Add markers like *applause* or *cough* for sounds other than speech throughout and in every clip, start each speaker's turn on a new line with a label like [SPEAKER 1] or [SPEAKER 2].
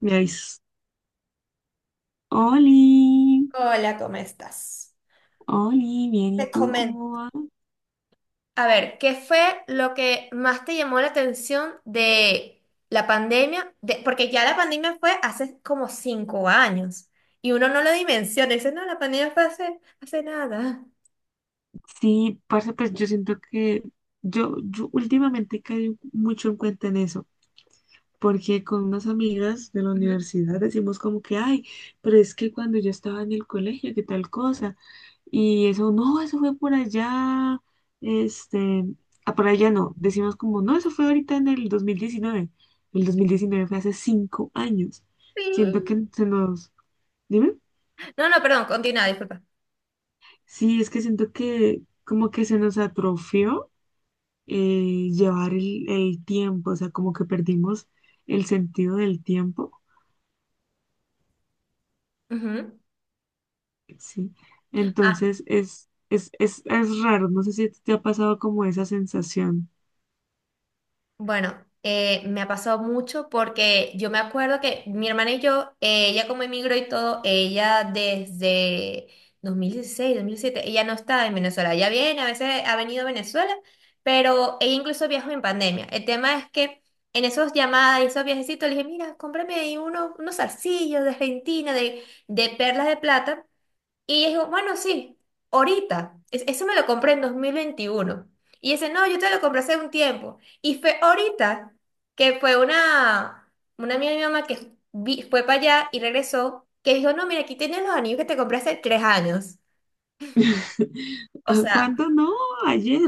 [SPEAKER 1] Me avisas, Oli.
[SPEAKER 2] Hola, ¿cómo estás?
[SPEAKER 1] Oli, bien, ¿y
[SPEAKER 2] Te
[SPEAKER 1] tú
[SPEAKER 2] comento.
[SPEAKER 1] cómo vas?
[SPEAKER 2] A ver, ¿qué fue lo que más te llamó la atención de la pandemia? Porque ya la pandemia fue hace como 5 años y uno no lo dimensiona. Dice, no, la pandemia fue hace nada.
[SPEAKER 1] Sí, parce, pues yo siento que yo últimamente caí mucho en cuenta en eso, porque con unas amigas de la
[SPEAKER 2] Ujú.
[SPEAKER 1] universidad decimos como que, ay, pero es que cuando yo estaba en el colegio, qué tal cosa, y eso, no, eso fue por allá, este, ah, por allá no, decimos como, no, eso fue ahorita en el 2019. El 2019 fue hace 5 años. Siento que
[SPEAKER 2] Sí.
[SPEAKER 1] se nos. Dime.
[SPEAKER 2] No, no, perdón, continúa, disculpa.
[SPEAKER 1] Sí, es que siento que como que se nos atrofió, llevar el tiempo, o sea, como que perdimos el sentido del tiempo,
[SPEAKER 2] Ujú.
[SPEAKER 1] ¿sí?
[SPEAKER 2] Ah,
[SPEAKER 1] Entonces es raro, no sé si te ha pasado como esa sensación.
[SPEAKER 2] Bueno, me ha pasado mucho porque yo me acuerdo que mi hermana y yo, ella como emigró y todo, ella desde 2016, dos mil 2007, ella no está en Venezuela, ella viene, a veces ha venido a Venezuela, pero ella incluso viajó en pandemia. El tema es que en esos llamadas y esos viajecitos le dije, mira, cómprame ahí unos zarcillos de Argentina, de perlas de plata. Y dijo, bueno, sí, ahorita. Eso me lo compré en 2021. Y dice, no, yo te lo compré hace un tiempo. Y fue ahorita que fue una amiga de mi mamá que fue para allá y regresó, que dijo, no, mira, aquí tienes los anillos que te compré hace 3 años.
[SPEAKER 1] *laughs*
[SPEAKER 2] O
[SPEAKER 1] ¿A
[SPEAKER 2] sea,
[SPEAKER 1] cuánto? No, ayer,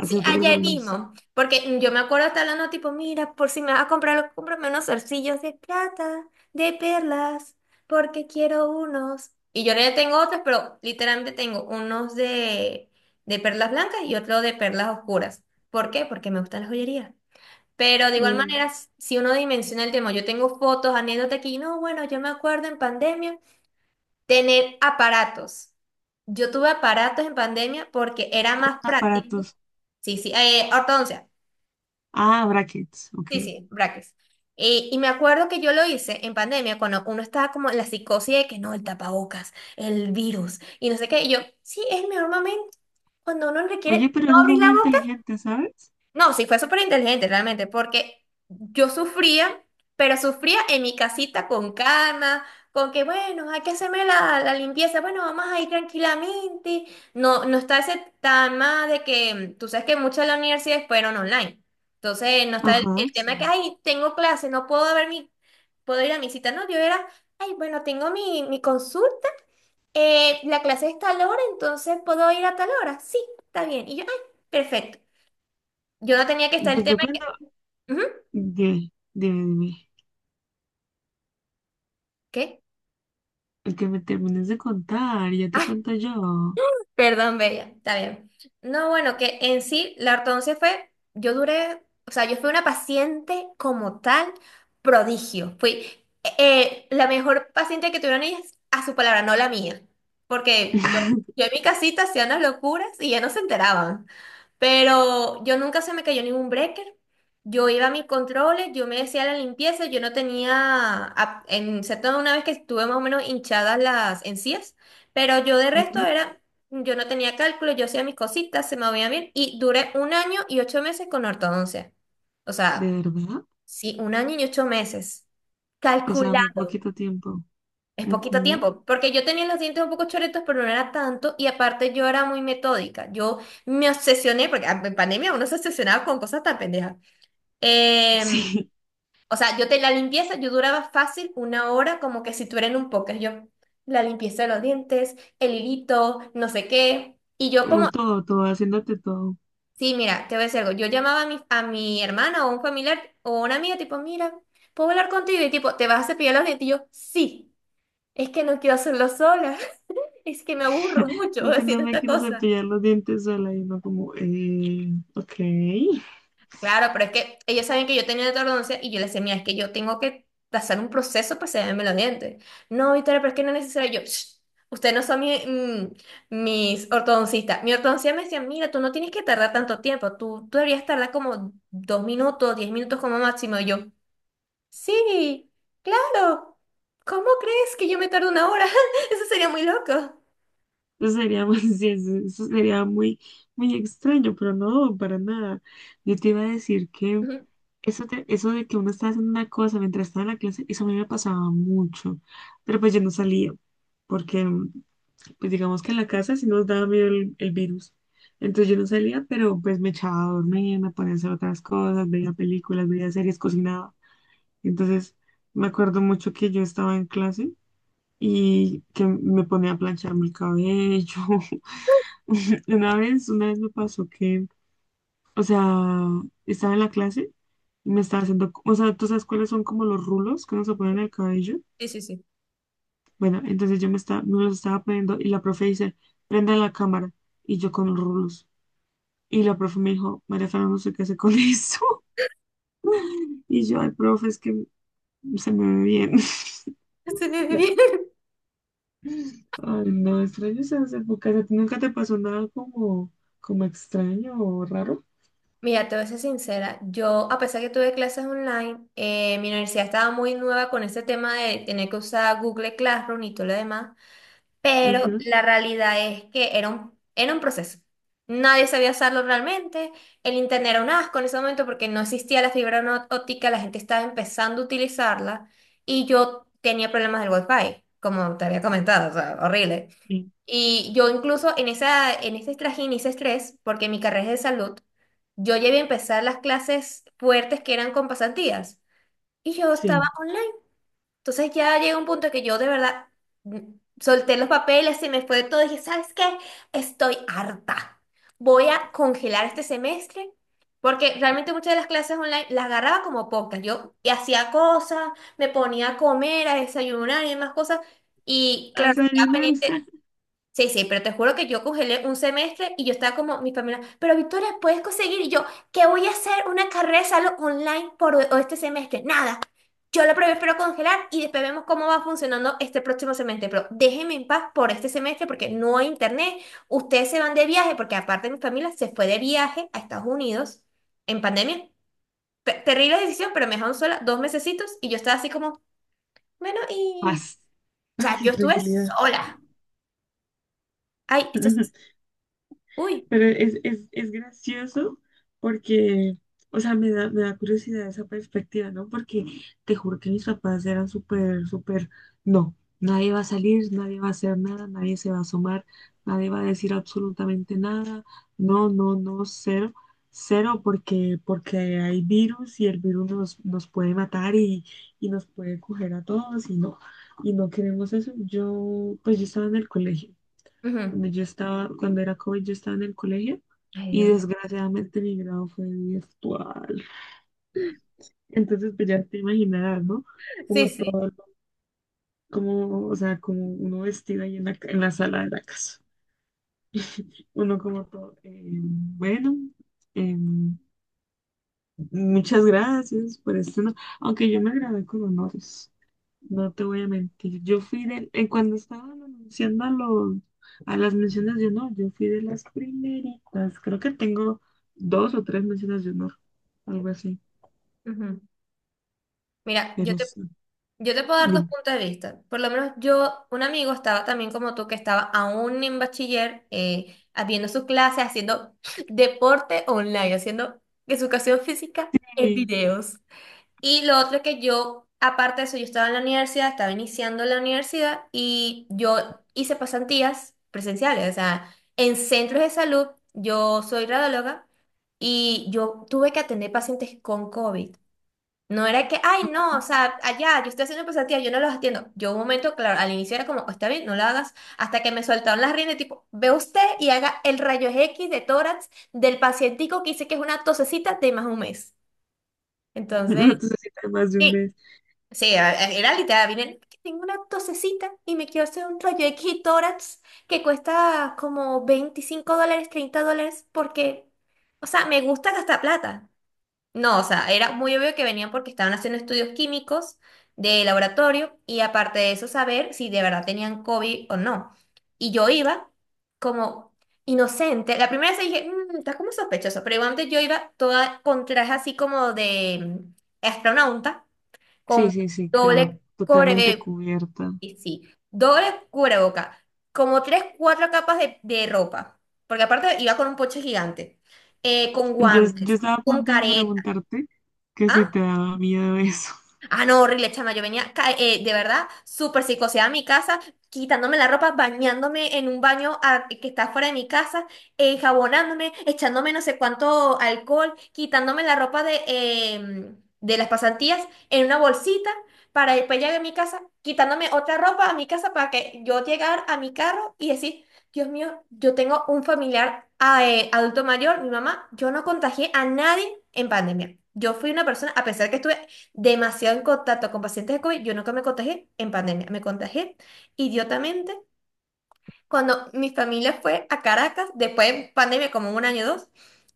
[SPEAKER 2] sí,
[SPEAKER 1] tres
[SPEAKER 2] ayer
[SPEAKER 1] años.
[SPEAKER 2] mismo, porque yo me acuerdo estar hablando tipo, mira, por si me vas a comprar algo, cómprame unos zarcillos de plata, de perlas, porque quiero unos. Y yo ya tengo otros, pero literalmente tengo unos de perlas blancas y otro de perlas oscuras. ¿Por qué? Porque me gustan las joyerías. Pero de igual
[SPEAKER 1] Mm.
[SPEAKER 2] manera, si uno dimensiona el tema, yo tengo fotos, anécdotas aquí, no, bueno, yo me acuerdo en pandemia tener aparatos. Yo tuve aparatos en pandemia porque era más práctico.
[SPEAKER 1] Aparatos.
[SPEAKER 2] Sí, sí, ortodoncia.
[SPEAKER 1] Ah, brackets, ok.
[SPEAKER 2] Sí, sí, brackets. Y me acuerdo que yo lo hice en pandemia, cuando uno estaba como en la psicosis de que no, el tapabocas, el virus, y no sé qué. Y yo, sí, es el mejor momento cuando uno
[SPEAKER 1] Oye,
[SPEAKER 2] requiere
[SPEAKER 1] pero
[SPEAKER 2] no
[SPEAKER 1] eso fue
[SPEAKER 2] abrir la
[SPEAKER 1] muy
[SPEAKER 2] boca.
[SPEAKER 1] inteligente, ¿sabes?
[SPEAKER 2] No, sí, fue súper inteligente realmente, porque yo sufría, pero sufría en mi casita con calma, con que, bueno, hay que hacerme la limpieza, bueno, vamos a ir tranquilamente. No, no está ese tema de que, tú sabes que muchas de las universidades fueron online. Entonces, no está el,
[SPEAKER 1] Ajá,
[SPEAKER 2] el tema que,
[SPEAKER 1] sí.
[SPEAKER 2] ay, tengo clase, no puedo ver mi, puedo ir a mi cita, no, yo era, ay, bueno, tengo mi consulta, la clase es tal hora, entonces puedo ir a tal hora. Sí, está bien. Y yo, ay, perfecto. Yo no tenía que estar el
[SPEAKER 1] Pues
[SPEAKER 2] tema.
[SPEAKER 1] yo cuando.
[SPEAKER 2] Ujú.
[SPEAKER 1] Dime, dime, dime.
[SPEAKER 2] ¿Qué?
[SPEAKER 1] Es que me termines de contar, ya te
[SPEAKER 2] Ah,
[SPEAKER 1] cuento yo.
[SPEAKER 2] *laughs* perdón, Bella, está bien. No, bueno, que en sí la ortodoncia fue, yo duré, o sea, yo fui una paciente como tal, prodigio. Fui la mejor paciente que tuvieron ellas a su palabra, no la mía. Porque yo,
[SPEAKER 1] *laughs*
[SPEAKER 2] yo en mi casita hacía unas locuras y ya no se enteraban. Pero yo nunca se me cayó ningún breaker. Yo iba a mis controles, yo me decía la limpieza, yo no tenía, en excepto una vez que estuve más o menos hinchadas las encías, pero yo de resto
[SPEAKER 1] Ujú.
[SPEAKER 2] era, yo no tenía cálculo, yo hacía mis cositas, se me veía bien, y duré un año y 8 meses con ortodoncia. O
[SPEAKER 1] ¿De
[SPEAKER 2] sea,
[SPEAKER 1] verdad?
[SPEAKER 2] sí, un año y 8 meses.
[SPEAKER 1] O sea, fue
[SPEAKER 2] Calculado.
[SPEAKER 1] poquito tiempo.
[SPEAKER 2] Es poquito
[SPEAKER 1] Ujú.
[SPEAKER 2] tiempo, porque yo tenía los dientes un poco choretos, pero no era tanto, y aparte yo era muy metódica. Yo me obsesioné, porque ah, en pandemia uno se obsesionaba con cosas tan pendejas. Em,
[SPEAKER 1] Sí.
[SPEAKER 2] o sea, yo te la limpieza, yo duraba fácil una hora, como que si tú eres en un póker. Yo, la limpieza de los dientes, el hilito, no sé qué. Y yo como,
[SPEAKER 1] *laughs* Todo, todo, haciéndote todo.
[SPEAKER 2] sí, mira, te voy a decir algo. Yo llamaba a mi hermana o un familiar o una amiga, tipo, mira, ¿puedo hablar contigo? Y tipo, ¿te vas a cepillar los dientes? Y yo, sí, es que no quiero hacerlo sola. Es que me aburro mucho *laughs*
[SPEAKER 1] Es que no
[SPEAKER 2] haciendo
[SPEAKER 1] me
[SPEAKER 2] esta
[SPEAKER 1] quiero
[SPEAKER 2] cosa.
[SPEAKER 1] cepillar los dientes sola y no como, ok.
[SPEAKER 2] Claro, pero es que ellos saben que yo tenía ortodoncia y yo les decía, mira, es que yo tengo que pasar un proceso para hacerme los dientes. No, Victoria, pero es que no es necesario. Yo, "Shh, ustedes no son mis ortodoncistas". Mi ortodoncista me decía, mira, tú no tienes que tardar tanto tiempo. Tú deberías tardar como 2 minutos, 10 minutos como máximo. Y yo, sí, claro. ¿Cómo crees que yo me tardo una hora? *laughs* Eso sería muy loco.
[SPEAKER 1] Eso sería. *laughs* Sí, eso sería muy, muy extraño, pero no, para nada. Yo te iba a decir que
[SPEAKER 2] Ujú.
[SPEAKER 1] eso de que uno está haciendo una cosa mientras está en la clase. Eso a mí me pasaba mucho. Pero pues yo no salía, porque pues digamos que en la casa sí nos daba miedo el virus. Entonces yo no salía, pero pues me echaba a dormir, me ponía a hacer otras cosas, veía películas, veía series, cocinaba. Entonces me acuerdo mucho que yo estaba en clase y que me ponía a plancharme el cabello. *laughs* Una vez me pasó que, o sea, estaba en la clase y me estaba haciendo, o sea, ¿tú sabes cuáles son como los rulos que uno se ponen en el cabello?
[SPEAKER 2] Sí, sí, sí.
[SPEAKER 1] Bueno, entonces me los estaba poniendo y la profe dice, prenda la cámara. Y yo con los rulos. Y la profe me dijo, María Fernanda, no sé qué hace con eso. *laughs* Y yo, ay, profe, es que se me ve bien. *laughs*
[SPEAKER 2] *laughs*
[SPEAKER 1] Ay, no, extraño esas épocas. ¿A ti nunca te pasó nada como, como extraño o raro?
[SPEAKER 2] Mira, te voy a ser sincera, yo a pesar que tuve clases online, mi universidad estaba muy nueva con ese tema de tener que usar Google Classroom y todo lo demás, pero
[SPEAKER 1] Ujú.
[SPEAKER 2] la realidad es que era un proceso. Nadie sabía usarlo realmente, el internet era un asco en ese momento porque no existía la fibra óptica, la gente estaba empezando a utilizarla y yo tenía problemas del wifi, como te había comentado, o sea, horrible.
[SPEAKER 1] Sí.
[SPEAKER 2] Y yo incluso en ese trajín, y ese estrés, porque mi carrera es de salud, yo llegué a empezar las clases fuertes que eran con pasantías y yo estaba
[SPEAKER 1] Sí.
[SPEAKER 2] online. Entonces ya llega un punto que yo de verdad mm, solté los papeles, se me fue de todo y dije, ¿sabes qué? Estoy harta. Voy a congelar este semestre porque realmente muchas de las clases online las agarraba como pocas. Yo y hacía cosas, me ponía a comer, a desayunar y demás cosas. Y
[SPEAKER 1] A
[SPEAKER 2] claro,
[SPEAKER 1] desayunar.
[SPEAKER 2] ya
[SPEAKER 1] *laughs*
[SPEAKER 2] sí, sí, pero te juro que yo congelé un semestre y yo estaba como mi familia, pero Victoria, ¿puedes conseguir? Y yo, ¿qué voy a hacer? Una carrera de salud online por este semestre. Nada. Yo lo prefiero congelar y después vemos cómo va funcionando este próximo semestre. Pero déjenme en paz por este semestre porque no hay internet. Ustedes se van de viaje porque aparte mi familia se fue de viaje a Estados Unidos en pandemia. Terrible decisión, pero me dejaron sola dos mesecitos y yo estaba así como, bueno, y...
[SPEAKER 1] Paz.
[SPEAKER 2] O
[SPEAKER 1] Paz
[SPEAKER 2] sea,
[SPEAKER 1] y
[SPEAKER 2] yo estuve
[SPEAKER 1] tranquilidad.
[SPEAKER 2] sola. Ay, esto es...
[SPEAKER 1] *laughs*
[SPEAKER 2] Uy.
[SPEAKER 1] Pero es gracioso porque, o sea, me da curiosidad esa perspectiva, ¿no? Porque te juro que mis papás eran súper, súper, no, nadie va a salir, nadie va a hacer nada, nadie se va a asomar, nadie va a decir absolutamente nada, no, no, no, cero, cero, porque, porque hay virus y el virus nos puede matar, y nos puede coger a todos y no queremos eso. Pues yo estaba en el colegio.
[SPEAKER 2] Ujú.
[SPEAKER 1] Cuando era COVID, yo estaba en el colegio
[SPEAKER 2] Ay,
[SPEAKER 1] y
[SPEAKER 2] Dios.
[SPEAKER 1] desgraciadamente mi grado fue virtual. Entonces, pues ya te imaginarás, ¿no?
[SPEAKER 2] Sí,
[SPEAKER 1] Como
[SPEAKER 2] sí.
[SPEAKER 1] todo, como, o sea, como uno vestido ahí en la, en la sala de la casa. Uno como todo, bueno. em, Muchas gracias por este honor. Aunque yo me grabé con honores, no te voy a mentir. Yo fui en cuando estaban anunciando a las menciones de honor, yo fui de las primeritas. Creo que tengo dos o tres menciones de honor, algo así.
[SPEAKER 2] Ujú. Mira,
[SPEAKER 1] Pero sí,
[SPEAKER 2] yo te puedo dar dos
[SPEAKER 1] dime.
[SPEAKER 2] puntos de vista. Por lo menos yo, un amigo estaba también como tú, que estaba aún en bachiller, viendo sus clases, haciendo *laughs* deporte online, haciendo educación física en
[SPEAKER 1] Sí.
[SPEAKER 2] videos. Y lo otro es que yo, aparte de eso, yo estaba en la universidad, estaba iniciando la universidad y yo hice pasantías presenciales, o sea, en centros de salud, yo soy radióloga y yo tuve que atender pacientes con COVID. No era que, ay, no, o sea, allá, yo estoy haciendo pasantías, yo no los atiendo. Yo un momento, claro, al inicio era como, está bien, no lo hagas, hasta que me soltaron las riendas, tipo, ve usted y haga el rayo X de tórax del pacientico que dice que es una tosecita de más un mes.
[SPEAKER 1] *laughs*
[SPEAKER 2] Entonces,
[SPEAKER 1] No necesitas más de un
[SPEAKER 2] sí,
[SPEAKER 1] mes.
[SPEAKER 2] sí, era literal, vine, que tengo una tosecita y me quiero hacer un rayo X de tórax que cuesta como $25, $30, porque, o sea, me gusta gastar plata. No, o sea, era muy obvio que venían porque estaban haciendo estudios químicos de laboratorio y aparte de eso saber si de verdad tenían COVID o no. Y yo iba como inocente. La primera vez dije, "Mm, estás como sospechoso", pero igualmente yo iba toda con traje así como de astronauta,
[SPEAKER 1] Sí,
[SPEAKER 2] con
[SPEAKER 1] sí, sí, claro,
[SPEAKER 2] doble cubre,
[SPEAKER 1] totalmente cubierta.
[SPEAKER 2] y sí, doble cubreboca, como tres, cuatro capas de ropa, porque aparte iba con un poche gigante, con
[SPEAKER 1] Yo
[SPEAKER 2] guantes,
[SPEAKER 1] estaba a
[SPEAKER 2] con
[SPEAKER 1] punto de
[SPEAKER 2] careta.
[SPEAKER 1] preguntarte que si te daba miedo eso.
[SPEAKER 2] Ah, no, horrible, chama. Yo venía, de verdad, súper psicoseada a mi casa, quitándome la ropa, bañándome en un baño que está fuera de mi casa, jabonándome, echándome no sé cuánto alcohol, quitándome la ropa de las pasantías en una bolsita para después llegar a mi casa, quitándome otra ropa a mi casa para que yo llegara a mi carro y decir, Dios mío, yo tengo un familiar ah, adulto mayor, mi mamá, yo no contagié a nadie en pandemia. Yo fui una persona, a pesar que estuve demasiado en contacto con pacientes de COVID. Yo nunca me contagié en pandemia, me contagié idiotamente cuando mi familia fue a Caracas, después de pandemia, como un año o dos,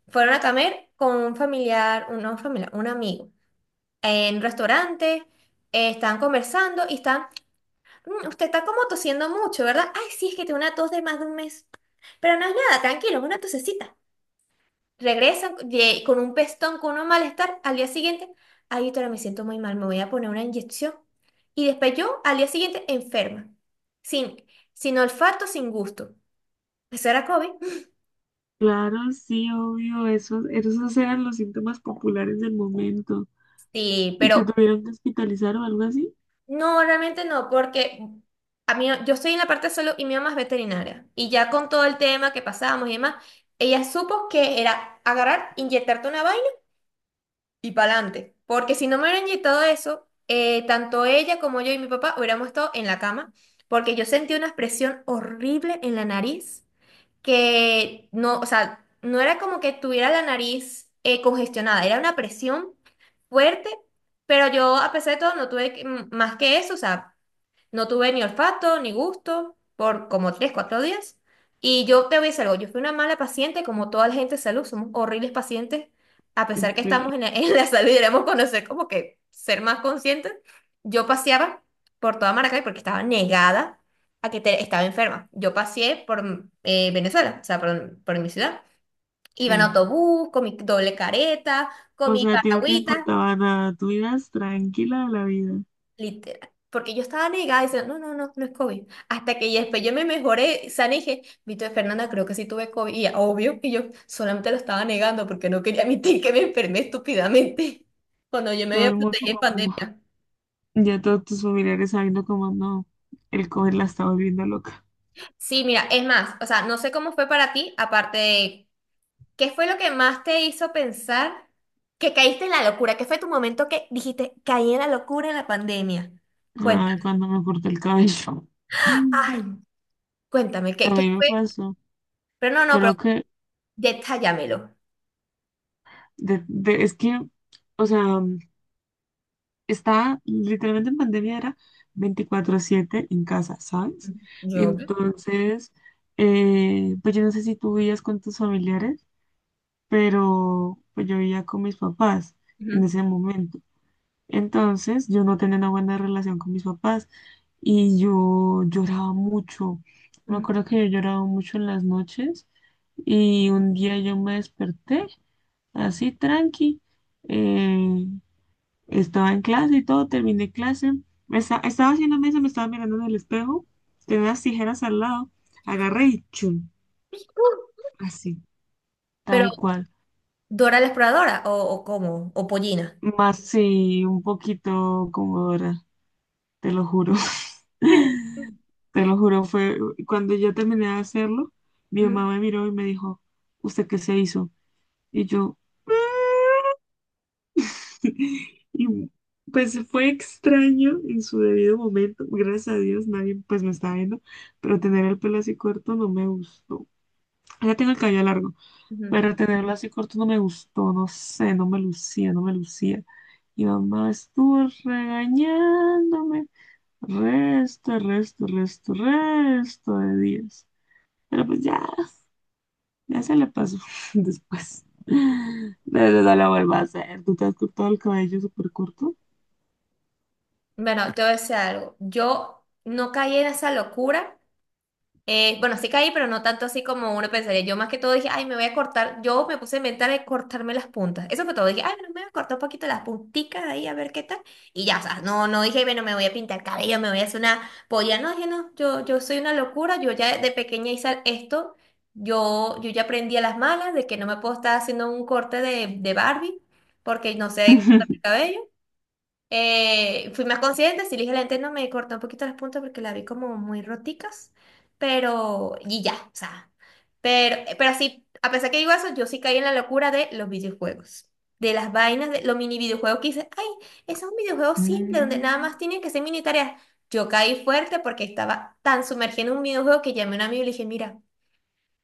[SPEAKER 2] fueron a comer con un familiar, un, no familiar, un amigo, en un restaurante, estaban conversando y están, "Mm, usted está como tosiendo mucho, ¿verdad?". Ay, sí, es que tengo una tos de más de un mes, pero no es nada, tranquilo, es una tosecita. Regresan con un pestón, con un malestar. Al día siguiente, ay, doctora, me siento muy mal, me voy a poner una inyección. Y después yo, al día siguiente, enferma. Sin, sin olfato, sin gusto. Eso era COVID.
[SPEAKER 1] Claro, sí, obvio, esos eran los síntomas populares del momento.
[SPEAKER 2] Sí,
[SPEAKER 1] ¿Y
[SPEAKER 2] pero
[SPEAKER 1] te tuvieron que hospitalizar o algo así?
[SPEAKER 2] no, realmente no, porque a mí, yo estoy en la parte solo y mi mamá es veterinaria. Y ya con todo el tema que pasábamos y demás, ella supo que era agarrar, inyectarte una vaina y para adelante. Porque si no me hubieran inyectado eso, tanto ella como yo y mi papá hubiéramos estado en la cama, porque yo sentí una presión horrible en la nariz, que no, o sea, no era como que tuviera la nariz congestionada, era una presión fuerte, pero yo a pesar de todo no tuve que- m- más que eso, o sea, no tuve ni olfato ni gusto por como tres, cuatro días. Y yo te voy a decir algo, yo fui una mala paciente como toda la gente de salud, somos horribles pacientes, a pesar que estamos
[SPEAKER 1] Sí,
[SPEAKER 2] en la, *laughs* en la salud y deberíamos conocer como que ser más conscientes. Yo paseaba por toda Maracay porque estaba negada estaba enferma. Yo paseé por Venezuela, o sea, por mi ciudad. Iba en
[SPEAKER 1] sí.
[SPEAKER 2] autobús, con mi doble careta, con
[SPEAKER 1] O
[SPEAKER 2] mi
[SPEAKER 1] sea, a ti no te
[SPEAKER 2] paraguita.
[SPEAKER 1] importaba nada, tú ibas tranquila a la vida.
[SPEAKER 2] Literal. Porque yo estaba negada diciendo, no, no, no, no es COVID. Hasta que ya después yo me mejoré, sana y dije, Vito Fernanda, creo que sí tuve COVID. Y ya, obvio que yo solamente lo estaba negando porque no quería *laughs* admitir que me enfermé estúpidamente *laughs* cuando yo me
[SPEAKER 1] Todo
[SPEAKER 2] había
[SPEAKER 1] el mundo
[SPEAKER 2] protegido en
[SPEAKER 1] como, *laughs*
[SPEAKER 2] pandemia.
[SPEAKER 1] ya todos tus familiares sabiendo como, no, el COVID la estaba volviendo loca.
[SPEAKER 2] Sí, mira, es más, o sea, no sé cómo fue para ti, aparte de, ¿qué fue lo que más te hizo pensar que caíste en la locura? ¿Qué fue tu momento que dijiste, caí en la locura en la pandemia?
[SPEAKER 1] Ay,
[SPEAKER 2] Cuéntame,
[SPEAKER 1] cuando me corté el cabello. *laughs* Mm.
[SPEAKER 2] ay, cuéntame,
[SPEAKER 1] A
[SPEAKER 2] qué
[SPEAKER 1] mí me
[SPEAKER 2] fue?
[SPEAKER 1] pasó.
[SPEAKER 2] Pero no, no, pero
[SPEAKER 1] Creo que,
[SPEAKER 2] detallámelo.
[SPEAKER 1] es que, o sea, estaba literalmente en pandemia, era 24/7 en casa, ¿sabes?
[SPEAKER 2] Yo.
[SPEAKER 1] Entonces, pues yo no sé si tú vivías con tus familiares, pero pues yo vivía con mis papás en
[SPEAKER 2] Ujú.
[SPEAKER 1] ese momento. Entonces, yo no tenía una buena relación con mis papás y yo lloraba mucho. Me
[SPEAKER 2] Mm.
[SPEAKER 1] acuerdo que yo lloraba mucho en las noches y un día yo me desperté así tranqui. eh, estaba en clase y todo, terminé clase. Me estaba haciendo mesa, me estaba mirando en el espejo. Tenía las tijeras al lado. Agarré y chun, así,
[SPEAKER 2] Pero,
[SPEAKER 1] tal cual.
[SPEAKER 2] ¿Dora la exploradora o cómo? ¿O Pollina?
[SPEAKER 1] Más sí, un poquito conmovedora, te lo juro.
[SPEAKER 2] *laughs*
[SPEAKER 1] *laughs* Te lo juro, fue cuando yo terminé de hacerlo, mi mamá
[SPEAKER 2] Ujú,
[SPEAKER 1] me miró y me dijo, ¿usted qué se hizo? Y yo, *laughs* y pues fue extraño en su debido momento. Gracias a Dios nadie pues me está viendo, pero tener el pelo así corto no me gustó. Ya tengo el cabello largo,
[SPEAKER 2] ujú.
[SPEAKER 1] pero tenerlo así corto no me gustó, no sé, no me lucía, no me lucía. Y mamá estuvo regañándome resto, resto, resto, resto de días. Pero pues ya, ya se le pasó *laughs* después. De verdad no lo vuelvo a hacer. ¿Tú te has cortado el cabello súper corto?
[SPEAKER 2] Bueno, te voy a decir algo. Yo no caí en esa locura. Bueno, sí caí, pero no tanto así como uno pensaría. Yo más que todo dije, ay, me voy a cortar. Yo me puse a inventar de cortarme las puntas. Eso fue todo. Dije, ay, bueno, me voy a cortar un poquito las punticas ahí a ver qué tal. Y ya, o sea, no, no dije, bueno, me voy a pintar el cabello, me voy a hacer una polla. No, dije, no, yo soy una locura. Yo ya de pequeña hice esto. Yo ya aprendí a las malas de que no me puedo estar haciendo un corte de Barbie porque no sé cortar el
[SPEAKER 1] *laughs*
[SPEAKER 2] cabello. Fui más consciente, si dije la lente no me cortó un poquito las puntas porque la vi como muy roticas, pero y ya, o sea, pero sí, a pesar que digo eso, yo sí caí en la locura de los videojuegos, de las vainas, de los mini videojuegos que hice, ay, ese es un videojuego simple donde nada
[SPEAKER 1] Mm.
[SPEAKER 2] más tienen que ser mini tareas. Yo caí fuerte porque estaba tan sumergida en un videojuego que llamé a un amigo y le dije, mira,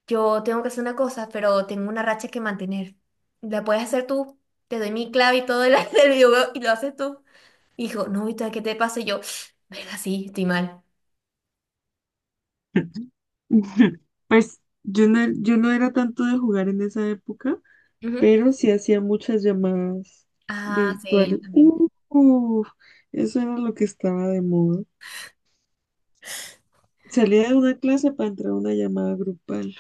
[SPEAKER 2] yo tengo que hacer una cosa, pero tengo una racha que mantener. La puedes hacer tú, te doy mi clave y todo el, *laughs* del videojuego y lo haces tú. Hijo, no, ¿y tú qué te pasa? Y yo, *sniffs* venga, sí, estoy mal.
[SPEAKER 1] *laughs* Pues yo no, era tanto de jugar en esa época,
[SPEAKER 2] Ujú.
[SPEAKER 1] pero sí hacía muchas llamadas
[SPEAKER 2] Ah, sí,
[SPEAKER 1] virtuales.
[SPEAKER 2] yo también.
[SPEAKER 1] Uf, eso era lo que estaba de moda. Salía de una clase para entrar a una llamada grupal.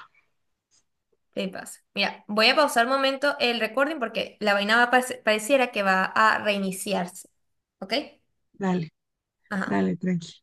[SPEAKER 2] Te pasa. Mira, voy a pausar un momento el recording porque la vaina va a pareciera que va a reiniciarse. ¿Ok?
[SPEAKER 1] Dale,
[SPEAKER 2] Ajá.
[SPEAKER 1] dale, tranqui.